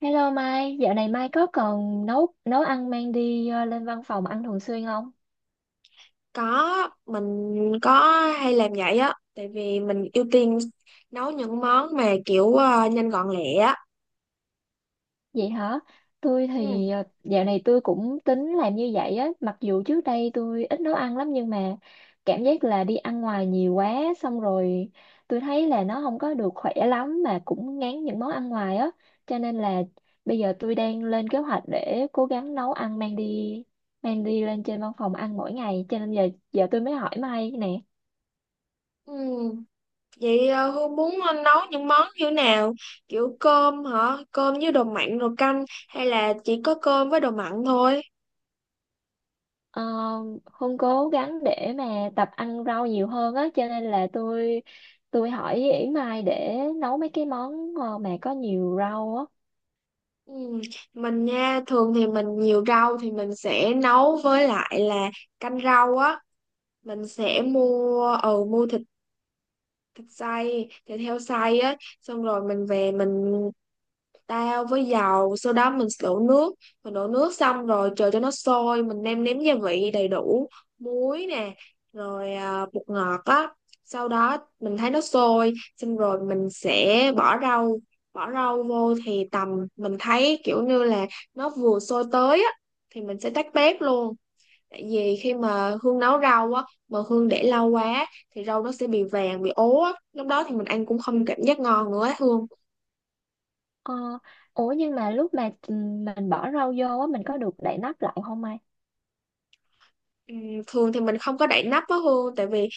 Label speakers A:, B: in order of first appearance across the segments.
A: Hello Mai, dạo này Mai có còn nấu nấu ăn mang đi lên văn phòng ăn thường xuyên không?
B: Có, mình có hay làm vậy á, tại vì mình ưu tiên nấu những món mà kiểu nhanh gọn lẹ á.
A: Vậy hả? Tôi
B: Ừ.
A: thì dạo này tôi cũng tính làm như vậy á, mặc dù trước đây tôi ít nấu ăn lắm nhưng mà cảm giác là đi ăn ngoài nhiều quá xong rồi tôi thấy là nó không có được khỏe lắm mà cũng ngán những món ăn ngoài á, cho nên là bây giờ tôi đang lên kế hoạch để cố gắng nấu ăn mang đi lên trên văn phòng ăn mỗi ngày, cho nên giờ giờ tôi mới hỏi Mai nè.
B: Ừ. Vậy Hương muốn nấu những món như nào? Kiểu cơm hả? Cơm với đồ mặn rồi canh hay là chỉ có cơm với đồ mặn thôi?
A: Ờ, Hương cố gắng để mà tập ăn rau nhiều hơn á cho nên là tôi hỏi Yển Mai để nấu mấy cái món mà có nhiều rau á.
B: Ừ. Mình nha, thường thì mình nhiều rau thì mình sẽ nấu với lại là canh rau á. Mình sẽ mua, mua thịt thịt xay, thịt heo xay á. Xong rồi mình về mình tao với dầu, sau đó mình đổ nước xong rồi chờ cho nó sôi, mình nêm nếm gia vị đầy đủ, muối nè, rồi à, bột ngọt á. Sau đó mình thấy nó sôi xong rồi mình sẽ bỏ rau vô thì tầm mình thấy kiểu như là nó vừa sôi tới á thì mình sẽ tắt bếp luôn. Tại vì khi mà Hương nấu rau á mà Hương để lâu quá thì rau nó sẽ bị vàng bị ố á, lúc đó thì mình ăn cũng không cảm giác ngon nữa á Hương.
A: Ờ, ủa nhưng mà lúc mà mình bỏ rau vô á mình có được đậy nắp lại không Mai?
B: Ừm, thường thì mình không có đậy nắp á Hương, tại vì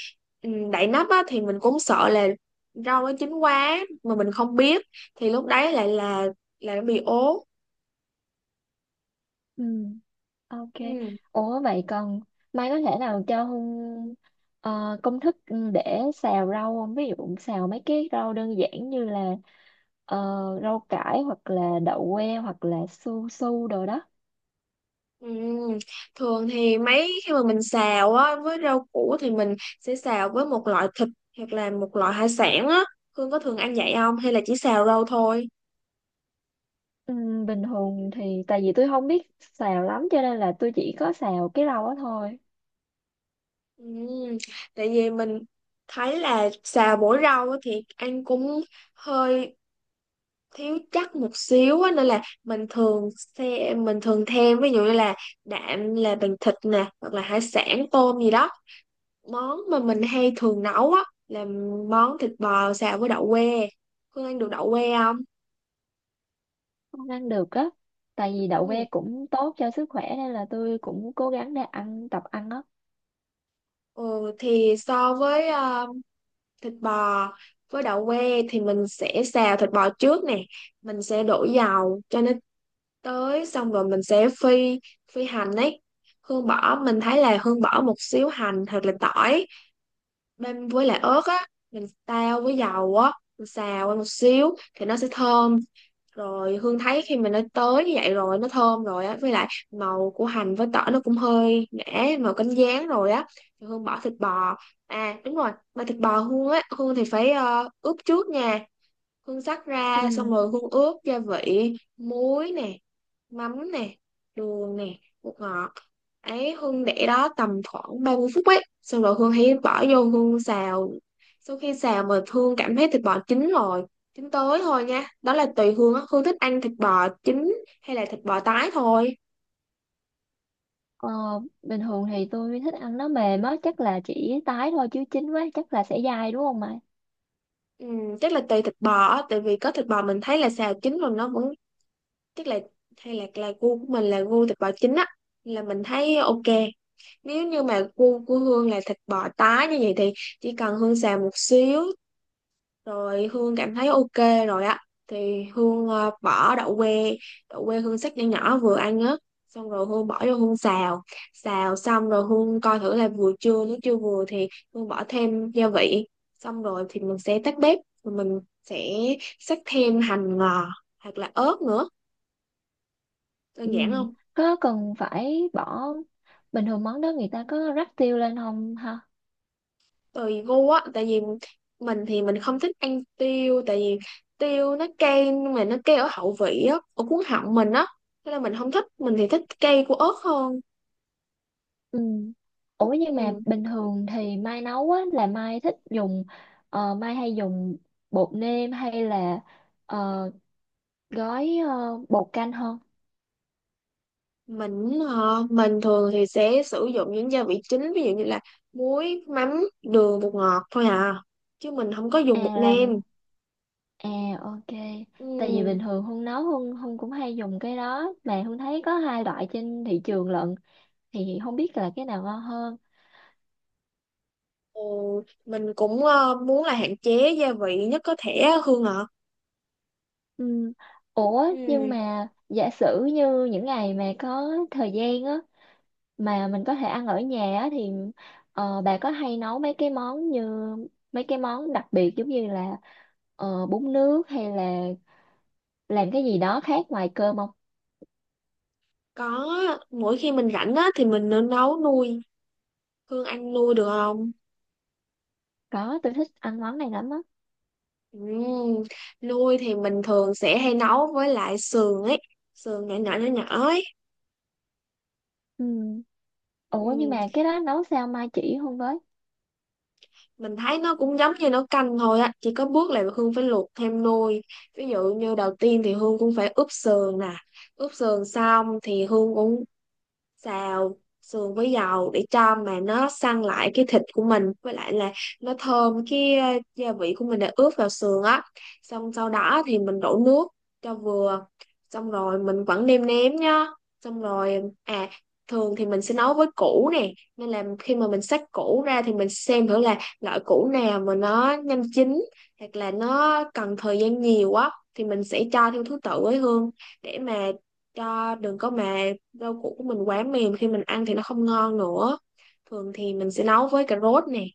B: đậy nắp á thì mình cũng sợ là rau nó chín quá mà mình không biết, thì lúc đấy lại là nó bị ố.
A: Ừ. Ok.
B: Ừm,
A: Ủa vậy còn Mai có thể nào cho Hương công thức để xào rau không? Ví dụ xào mấy cái rau đơn giản như là ờ, rau cải hoặc là đậu que hoặc là su su đồ đó.
B: ừm. Thường thì mấy khi mà mình xào á với rau củ thì mình sẽ xào với một loại thịt hoặc là một loại hải sản á. Hương có thường ăn vậy không hay là chỉ xào rau thôi?
A: Bình thường thì tại vì tôi không biết xào lắm cho nên là tôi chỉ có xào cái rau đó thôi.
B: Ừm, tại vì mình thấy là xào mỗi rau á thì ăn cũng hơi thiếu chắc một xíu á, nên là mình thường thêm ví dụ như là đạm là bằng thịt nè hoặc là hải sản tôm gì đó. Món mà mình hay thường nấu á là món thịt bò xào với đậu que. Hương ăn được đậu que không?
A: Không ăn được á tại vì đậu
B: Ừ.
A: que cũng tốt cho sức khỏe nên là tôi cũng cố gắng để ăn tập ăn á.
B: Ừ thì so với thịt bò với đậu que thì mình sẽ xào thịt bò trước nè. Mình sẽ đổ dầu cho nó tới xong rồi mình sẽ phi phi hành ấy. Hương bỏ Mình thấy là Hương bỏ một xíu hành hoặc là tỏi, bên với lại ớt á, mình tao với dầu á, mình xào qua một xíu thì nó sẽ thơm. Rồi Hương thấy khi mình nó tới như vậy rồi, nó thơm rồi á, với lại màu của hành với tỏi nó cũng hơi ngã màu cánh gián rồi á, thì Hương bỏ thịt bò. À đúng rồi, mà thịt bò Hương á, Hương thì phải ướp trước nha. Hương xắt
A: Ừ.
B: ra xong rồi Hương ướp gia vị, muối nè, mắm nè, đường nè, bột ngọt. Ấy Hương để đó tầm khoảng 30 phút ấy, xong rồi Hương hãy bỏ vô Hương xào. Sau khi xào mà Hương cảm thấy thịt bò chín rồi, chín tới thôi nha, đó là tùy Hương á, Hương thích ăn thịt bò chín hay là thịt bò tái thôi.
A: ờ, Bình thường thì tôi thích ăn nó mềm á chắc là chỉ tái thôi chứ chín quá chắc là sẽ dai đúng không mày?
B: Ừ, chắc là tùy thịt bò á, tại vì có thịt bò mình thấy là xào chín rồi nó vẫn chắc là, hay là gu của mình là gu thịt bò chín á, là mình thấy ok. Nếu như mà gu của Hương là thịt bò tái như vậy thì chỉ cần Hương xào một xíu rồi Hương cảm thấy ok rồi á, thì Hương bỏ đậu que. Đậu que Hương xắt nhỏ nhỏ vừa ăn á, xong rồi Hương bỏ vô Hương xào. Xào xong rồi Hương coi thử là vừa chưa, nếu chưa vừa thì Hương bỏ thêm gia vị, xong rồi thì mình sẽ tắt bếp rồi mình sẽ xắt thêm hành ngò hoặc là ớt nữa. Đơn
A: Ừ.
B: giản không?
A: Có cần phải bỏ bình thường món đó người ta có rắc tiêu lên không?
B: Tùy gu á, tại vì mình thì mình không thích ăn tiêu, tại vì tiêu nó cay, mà nó cay ở hậu vị á, ở cuốn họng mình á, nên là mình không thích, mình thì thích cay của ớt hơn.
A: Ừ. Ủa nhưng mà
B: Ừ.
A: bình thường thì Mai nấu á là Mai thích dùng Mai hay dùng bột nêm hay là ờ, gói bột canh hơn?
B: mình thường thì sẽ sử dụng những gia vị chính, ví dụ như là muối, mắm, đường, bột ngọt thôi à, chứ mình không có
A: À
B: dùng bột
A: là
B: nêm.
A: à ok. Tại vì
B: Ừ.
A: bình thường Hương nấu Hương Hương cũng hay dùng cái đó mà Hương thấy có hai loại trên thị trường lận thì không biết là cái nào ngon hơn.
B: Ừ. Mình cũng muốn là hạn chế gia vị nhất có thể á, Hương ạ.
A: Ừ. Ủa nhưng
B: Ừ.
A: mà giả sử như những ngày mà có thời gian á mà mình có thể ăn ở nhà á, thì bà có hay nấu mấy cái món như mấy cái món đặc biệt giống như là bún nước hay là làm cái gì đó khác ngoài cơm không?
B: Có, mỗi khi mình rảnh á thì mình nấu nuôi. Hương anh nuôi được không?
A: Có, tôi thích ăn món này lắm á.
B: Ừm, Nuôi thì mình thường sẽ hay nấu với lại sườn ấy, sườn nhỏ nhỏ nhỏ nhỏ ấy.
A: Ừ. Ủa nhưng
B: Ừm,
A: mà cái đó nấu sao mai chỉ không với?
B: Mình thấy nó cũng giống như nấu canh thôi á, chỉ có bước là Hương phải luộc thêm nồi. Ví dụ như đầu tiên thì Hương cũng phải ướp sườn nè, ướp sườn xong thì Hương cũng xào sườn với dầu để cho mà nó săn lại cái thịt của mình, với lại là nó thơm cái gia vị của mình đã ướp vào sườn á. Xong sau đó thì mình đổ nước cho vừa, xong rồi mình vẫn nêm nếm nhá. Xong rồi à, thường thì mình sẽ nấu với củ nè, nên là khi mà mình xách củ ra thì mình xem thử là loại củ nào mà nó nhanh chín hoặc là nó cần thời gian nhiều á, thì mình sẽ cho theo thứ tự với Hương, để mà cho đừng có mà rau củ của mình quá mềm khi mình ăn thì nó không ngon nữa. Thường thì mình sẽ nấu với cà rốt nè,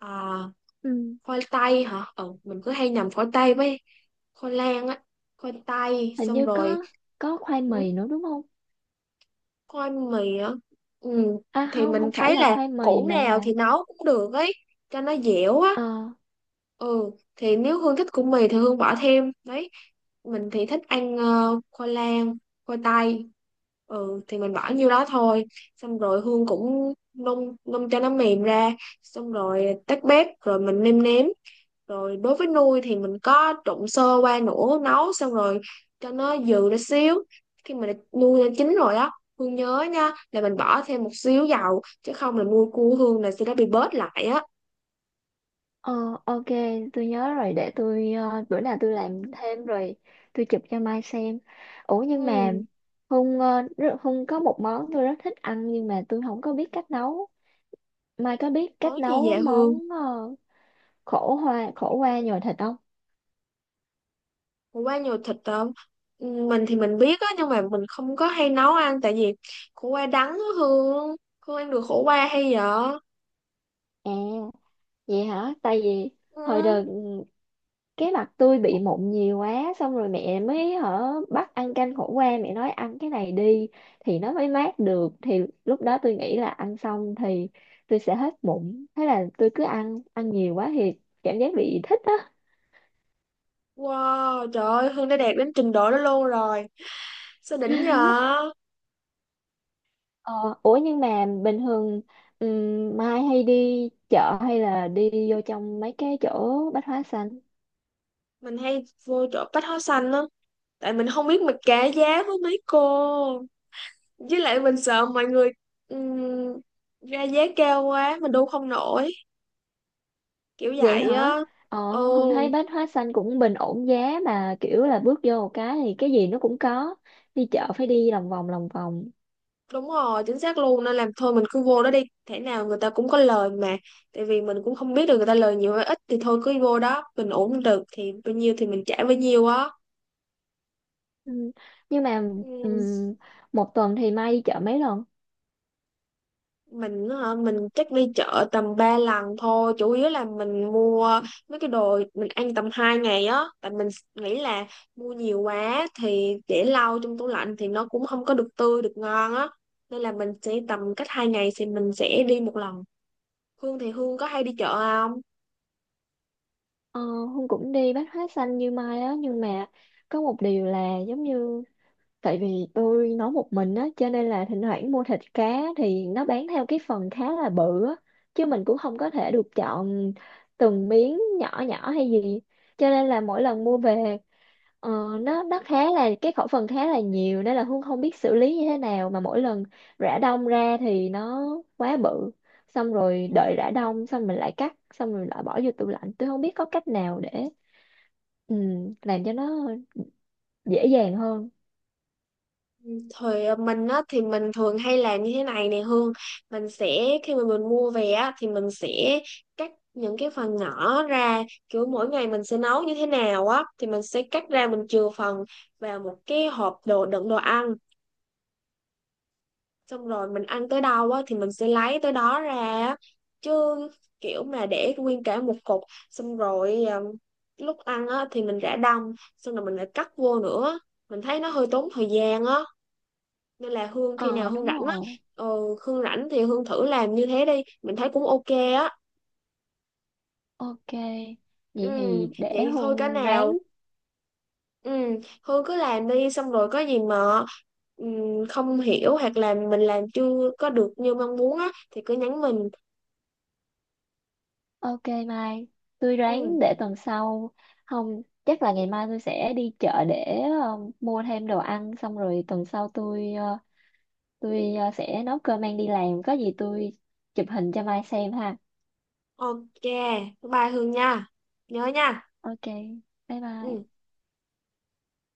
B: à,
A: Ừ.
B: khoai tây hả, ừ, mình cứ hay nhầm khoai tây với khoai lang á. Khoai tây
A: Hình
B: xong
A: như
B: rồi,
A: có khoai
B: ừ,
A: mì nữa đúng không?
B: khoai mì á. Ừ,
A: À
B: thì
A: không,
B: mình
A: không phải
B: thấy
A: là
B: là
A: khoai mì
B: củ
A: mà
B: nào
A: là
B: thì nấu cũng được ấy, cho nó dẻo á.
A: ờ.
B: Ừ thì nếu Hương thích củ mì thì Hương bỏ thêm đấy. Mình thì thích ăn khoai lang, khoai tây. Ừ thì mình bỏ nhiêu đó thôi, xong rồi Hương cũng nung nung cho nó mềm ra, xong rồi tắt bếp rồi mình nêm nếm. Rồi đối với nuôi thì mình có trộn sơ qua nữa, nấu xong rồi cho nó dừ ra xíu. Khi mà nuôi nó chín rồi á, Hương nhớ nha là mình bỏ thêm một xíu dầu, chứ không là nuôi cua Hương là sẽ đã bị bớt lại á.
A: Ờ, ok, tôi nhớ rồi để tôi bữa nào tôi làm thêm rồi tôi chụp cho Mai xem. Ủa nhưng mà
B: Ừ.
A: Hung Hung có một món tôi rất thích ăn nhưng mà tôi không có biết cách nấu. Mai có biết
B: Món
A: cách
B: gì
A: nấu
B: vậy Hương?
A: món khổ qua nhồi thịt không?
B: Ủa, qua nhiều thịt không? Ừ, mình thì mình biết á nhưng mà mình không có hay nấu ăn, tại vì khổ qua đắng á Hương. Hương ăn được khổ qua hay vậy?
A: À, vậy hả? Tại vì hồi
B: Ừ.
A: đợt cái mặt tôi bị mụn nhiều quá xong rồi mẹ mới hở bắt ăn canh khổ qua mẹ nói ăn cái này đi thì nó mới mát được thì lúc đó tôi nghĩ là ăn xong thì tôi sẽ hết mụn thế là tôi cứ ăn ăn nhiều quá thì cảm giác bị thích á.
B: Wow, trời ơi, Hương đã đạt đến trình độ đó luôn rồi. Sao đỉnh vậy?
A: Ờ, ủa nhưng mà bình thường Mai hay đi chợ hay là đi vô trong mấy cái chỗ bách hóa xanh?
B: Mình hay vô chỗ bách hóa xanh á. Tại mình không biết mình cả giá với mấy cô. Với lại mình sợ mọi người ừm, ra giá cao quá, mình đu không nổi. Kiểu
A: Vậy
B: vậy
A: hả?
B: á.
A: Ờ,
B: Ừ.
A: không thấy bách hóa xanh cũng bình ổn giá mà kiểu là bước vô một cái thì cái gì nó cũng có. Đi chợ phải đi lòng vòng.
B: Đúng rồi, chính xác luôn, nên làm thôi mình cứ vô đó đi, thể nào người ta cũng có lời mà. Tại vì mình cũng không biết được người ta lời nhiều hay ít, thì thôi cứ vô đó, mình ổn được thì bao nhiêu thì mình trả bấy nhiêu á.
A: Ừ. Nhưng mà
B: Ừ,
A: ừm, một tuần thì Mai đi chợ mấy lần?
B: mình hả, mình chắc đi chợ tầm 3 lần thôi, chủ yếu là mình mua mấy cái đồ mình ăn tầm 2 ngày á, tại mình nghĩ là mua nhiều quá thì để lâu trong tủ lạnh thì nó cũng không có được tươi được ngon á. Nên là mình sẽ tầm cách 2 ngày thì mình sẽ đi một lần. Hương thì Hương có hay đi chợ không?
A: Ờ, Hương cũng đi bách hóa xanh như Mai á nhưng mà có một điều là giống như tại vì tôi nấu một mình á cho nên là thỉnh thoảng mua thịt cá thì nó bán theo cái phần khá là bự á chứ mình cũng không có thể được chọn từng miếng nhỏ nhỏ hay gì cho nên là mỗi lần mua về ờ, nó khá là cái khẩu phần khá là nhiều nên là Hương không biết xử lý như thế nào mà mỗi lần rã đông ra thì nó quá bự xong rồi
B: Ừ,
A: đợi rã đông xong mình lại cắt xong rồi lại bỏ vô tủ lạnh tôi không biết có cách nào để ừ, làm cho nó dễ dàng hơn.
B: thời mình á, thì mình thường hay làm như thế này nè Hương. Mình sẽ khi mà mình mua về á, thì mình sẽ cắt những cái phần nhỏ ra, kiểu mỗi ngày mình sẽ nấu như thế nào á thì mình sẽ cắt ra, mình chừa phần vào một cái hộp đồ đựng đồ ăn, xong rồi mình ăn tới đâu á, thì mình sẽ lấy tới đó ra á. Chứ kiểu mà để nguyên cả một cục, xong rồi lúc ăn á, thì mình rã đông xong rồi mình lại cắt vô nữa, mình thấy nó hơi tốn thời gian á. Nên là Hương khi nào
A: Ờ
B: Hương
A: đúng
B: rảnh á,
A: rồi.
B: ờ, Hương rảnh thì Hương thử làm như thế đi, mình thấy cũng ok á.
A: Ok.
B: Ừ,
A: Vậy thì để
B: vậy thôi cái
A: Hùng
B: nào,
A: ráng.
B: ừ, Hương cứ làm đi xong rồi có gì mà ừ, không hiểu hoặc là mình làm chưa có được như mong muốn á thì cứ nhắn mình.
A: Ok Mai. Tôi
B: Ừ,
A: ráng để tuần sau. Không, chắc là ngày mai tôi sẽ đi chợ để mua thêm đồ ăn xong rồi tuần sau tôi sẽ nấu cơm mang đi làm có gì tôi chụp hình cho Mai xem ha.
B: ok, bye Hương nha, nhớ nha.
A: Ok. Bye
B: Ừ.
A: bye.